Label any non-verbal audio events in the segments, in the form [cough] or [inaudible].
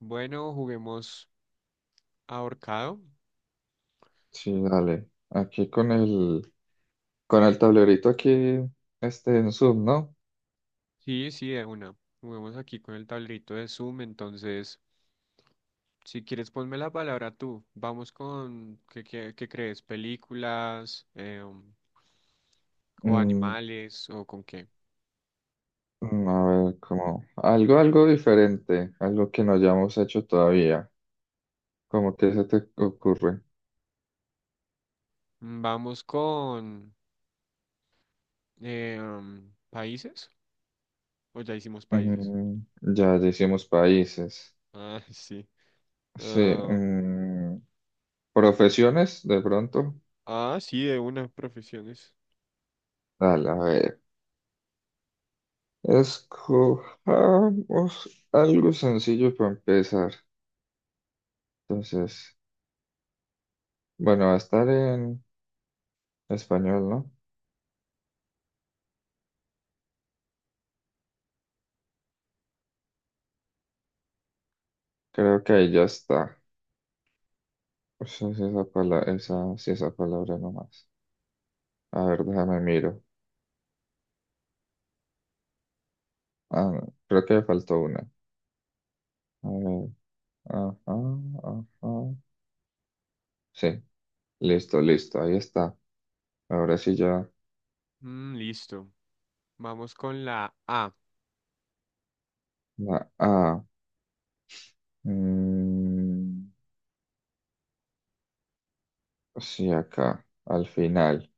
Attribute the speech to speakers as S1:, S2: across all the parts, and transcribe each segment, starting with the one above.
S1: Bueno, juguemos ahorcado.
S2: Sí, dale. Aquí con el tablerito aquí, en Zoom, ¿no?
S1: Sí, sí, de una. Juguemos aquí con el tablerito de Zoom. Entonces, si quieres, ponme la palabra tú. Vamos con, ¿qué crees? ¿Películas o
S2: Mm,
S1: animales o con qué?
S2: a ver, como algo, algo diferente, algo que no hayamos hecho todavía. ¿Cómo que se te ocurre?
S1: Vamos con países. ¿O ya hicimos países?
S2: Mm, ya hicimos países.
S1: Ah, [laughs] sí.
S2: Sí,
S1: ah,
S2: mm, profesiones, de pronto.
S1: sí, de una, profesiones.
S2: Dale, a ver. Escojamos algo sencillo para empezar. Entonces, bueno, va a estar en español, ¿no? Creo que ahí ya está. Pues es esa palabra,
S1: Ok.
S2: esa, sí, esa palabra nomás. A ver, déjame miro. Ah, no, creo que me faltó una. A ver, ajá, ajá. Sí, listo, listo, ahí está. Ahora sí ya.
S1: Mm, listo. Vamos con la A.
S2: La A. Mm, sí, acá, al final.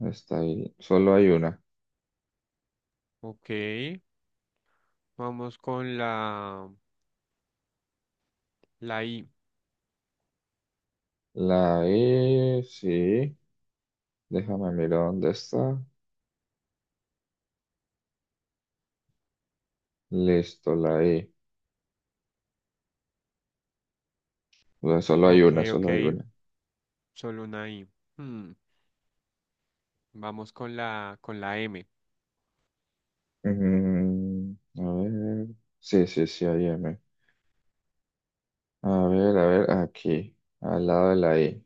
S2: Está ahí. Solo hay una.
S1: Ok. Vamos con la... La I.
S2: La E, sí. Déjame mirar dónde está. Listo, la E. O sea, solo hay
S1: Ok,
S2: una,
S1: ok.
S2: solo hay una.
S1: Solo una I. Hmm, Vamos con la M.
S2: Mm, a ver. Sí, sí, sí, hay M. A ver, aquí, al lado de la I.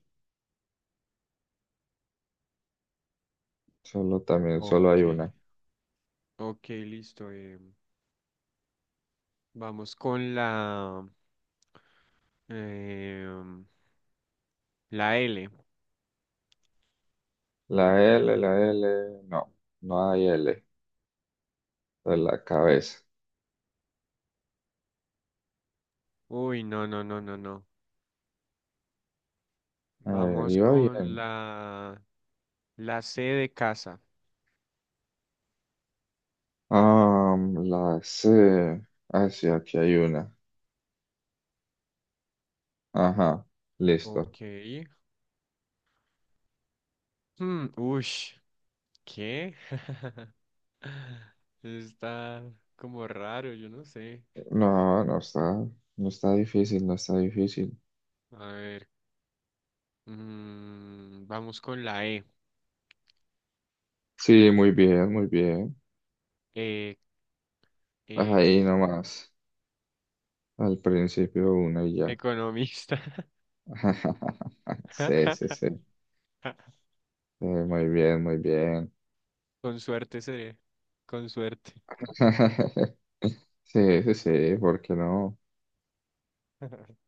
S2: Solo también, solo hay
S1: Ok.
S2: una.
S1: Ok, listo. Vamos con em, la L.
S2: La L, no, no hay L. De la cabeza.
S1: Uy, no, no, no, no, no.
S2: A ver,
S1: Vamos
S2: iba
S1: con
S2: bien.
S1: la C de casa.
S2: La C. Ah, sí, aquí hay una. Ajá, listo.
S1: Ok. Hmm, ush, ¿Qué? [laughs] Está como raro, yo no sé.
S2: No, no está, no está difícil, no está difícil.
S1: A ver. Vamos con la E.
S2: Sí, muy bien, muy bien.
S1: Eh, eh,
S2: Ahí nomás. Al principio una y ya.
S1: Economista.
S2: [laughs] Sí, sí,
S1: [laughs]
S2: sí. Sí, muy bien, muy bien.
S1: Con suerte seré. Con suerte.
S2: [laughs] Sí, sí, sí, ¿por qué no?
S1: [laughs]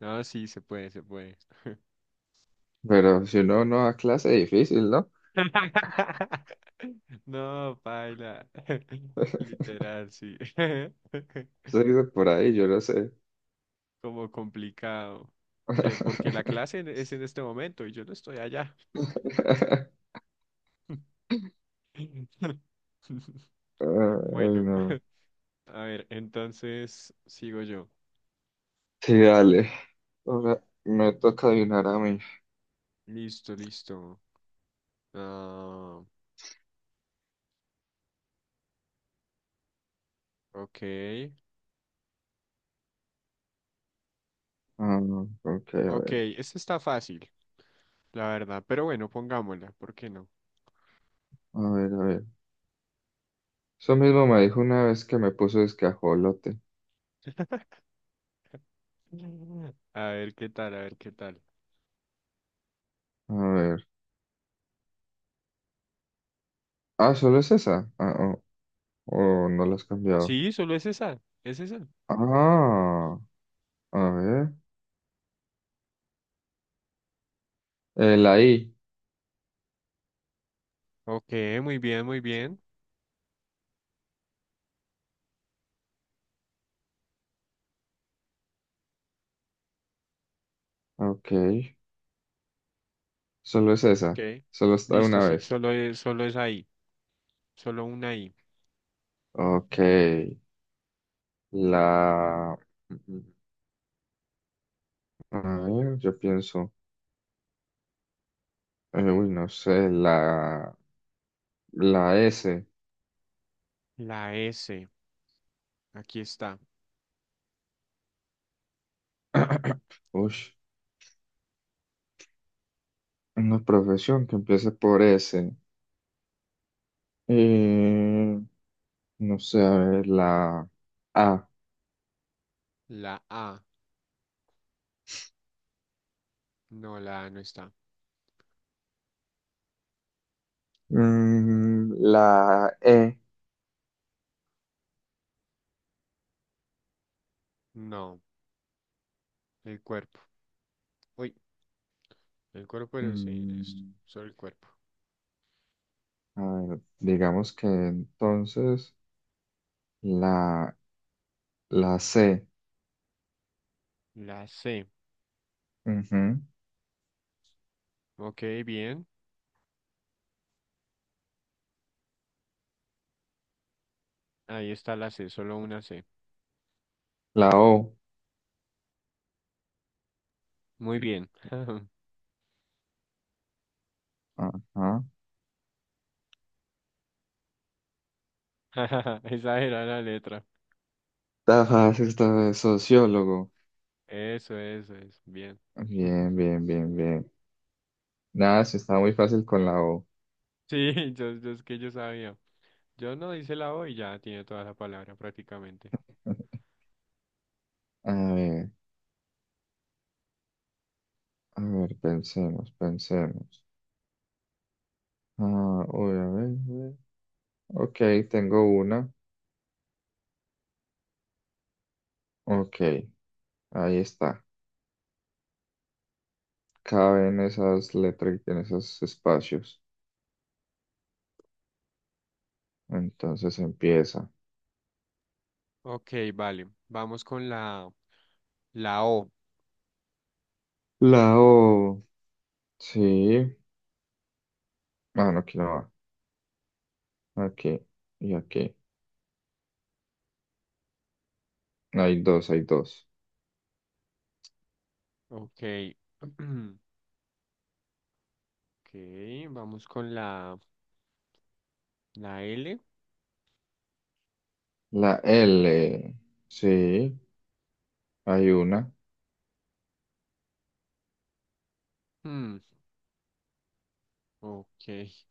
S1: No, sí, se puede, se puede.
S2: Pero si uno no da clase, difícil, ¿no?
S1: [laughs] No, paila. [laughs]
S2: [laughs]
S1: Literal, sí. [laughs]
S2: Se dice por ahí, yo no sé.
S1: Como complicado. Que porque
S2: [laughs] Ay,
S1: es en este momento y yo no estoy allá. [laughs] Bueno,
S2: no.
S1: [laughs] a ver, entonces sigo yo.
S2: Sí, dale. Ahora me toca adivinar a mí.
S1: Listo, listo. Ah, ok.
S2: Ah, no, ok, a
S1: Ok,
S2: ver.
S1: esta está fácil, la verdad, pero bueno, pongámosla, ¿por qué no?
S2: A ver, a ver. Eso mismo me dijo una vez que me puso escajolote.
S1: [laughs] A ver qué tal, a ver qué tal.
S2: A ver. Ah, ¿solo es esa? Ah, oh, oh, no la has cambiado.
S1: Sí, solo es esa, es esa.
S2: Ah, a ver. La I.
S1: Ok, muy bien, muy bien.
S2: Ok. Solo es
S1: Ok,
S2: esa. Solo está
S1: listo,
S2: una
S1: sí,
S2: vez.
S1: solo es ahí, solo una I.
S2: Ok. La... A ver, yo pienso. No sé. La... La S.
S1: La S, aquí está.
S2: [clears throat] Uy, una profesión que empiece por S. Eh, no sé, a ver, la A.
S1: La A, no, la A no está.
S2: Mm, la E.
S1: No, el cuerpo. Uy, el cuerpo, pero sí, esto,
S2: Mm,
S1: solo el cuerpo.
S2: a ver, digamos que entonces la, la C.
S1: La C,
S2: Ujú.
S1: ok, bien. Ahí está la C, solo una C.
S2: La O.
S1: Muy bien. [laughs]
S2: Ajá.
S1: [laughs] Esa era la letra.
S2: Tajas está de sociólogo.
S1: Eso, es. Bien.
S2: Bien,
S1: [laughs]
S2: bien, bien, bien. Nada, sí está muy fácil con la O.
S1: Sí, yo es que yo sabía. Yo no hice la O y ya tiene toda la palabra prácticamente.
S2: [laughs] A ver, a ver, pensemos, pensemos. Ah, uy, a ver, a ver. Ok, tengo una. Ok, ahí está. Cabe en esas letras, en esos espacios. Entonces empieza.
S1: Ok, vale. Vamos con la O.
S2: La O. Sí. Ah, no, aquí no va. Aquí y aquí. Hay dos, hay dos.
S1: Ok. [clears throat] Ok, vamos con la L.
S2: La L, sí, hay una.
S1: Hmm, ok. [laughs]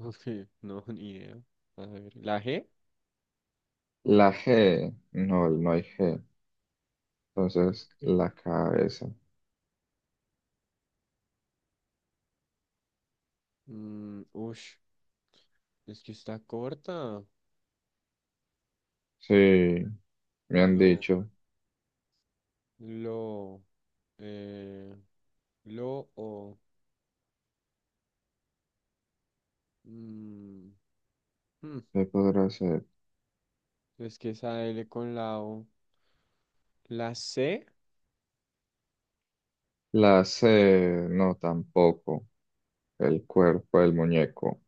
S1: Ok, no, ni idea. A ver, la G.
S2: La G, no, no hay G. Entonces,
S1: Ok.
S2: la cabeza.
S1: Mm, ush, es que está corta.
S2: Sí, me han
S1: Lo,
S2: dicho.
S1: lo, eh, Lo o. Mm, hmm,
S2: ¿Qué podrá ser?
S1: es que esa L con la O. La C,
S2: La C, no, tampoco. El cuerpo, el muñeco.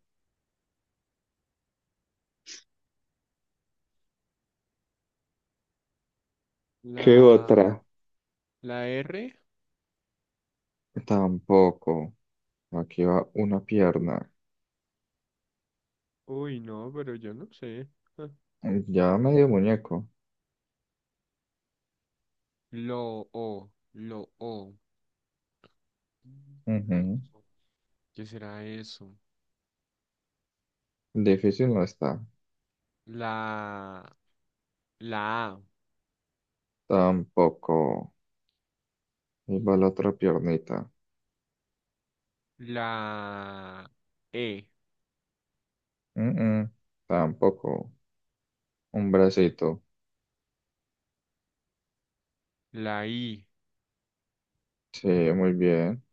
S2: ¿Qué
S1: la,
S2: otra?
S1: la R.
S2: Tampoco. Aquí va una pierna.
S1: Uy, no, pero yo no sé. Ah,
S2: Ya medio muñeco.
S1: Lo o. Lo o. Lo
S2: Ujú.
S1: o. ¿Qué será eso?
S2: Difícil no está.
S1: La, la A,
S2: Tampoco. Y va la otra piernita.
S1: la E,
S2: Mm, mm, Tampoco. Un bracito.
S1: la I,
S2: Sí, muy bien.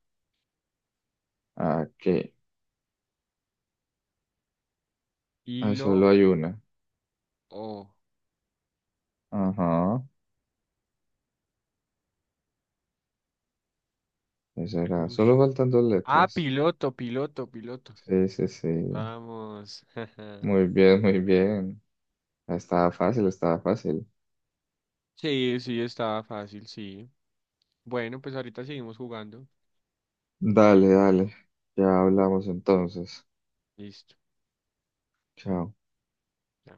S2: Aquí. Ah,
S1: y lo
S2: solo hay una.
S1: O.
S2: Ajá. ¿Qué será?
S1: Ush.
S2: Solo faltan dos
S1: Ah,
S2: letras.
S1: piloto, piloto, piloto.
S2: Sí, sí, sí.
S1: Vamos.
S2: Muy
S1: [laughs]
S2: bien, muy bien. Estaba fácil, estaba fácil.
S1: Sí, sí, estaba fácil, sí. Bueno, pues ahorita seguimos jugando.
S2: Dale, dale. Ya hablamos entonces.
S1: Listo.
S2: Chao.
S1: Ya.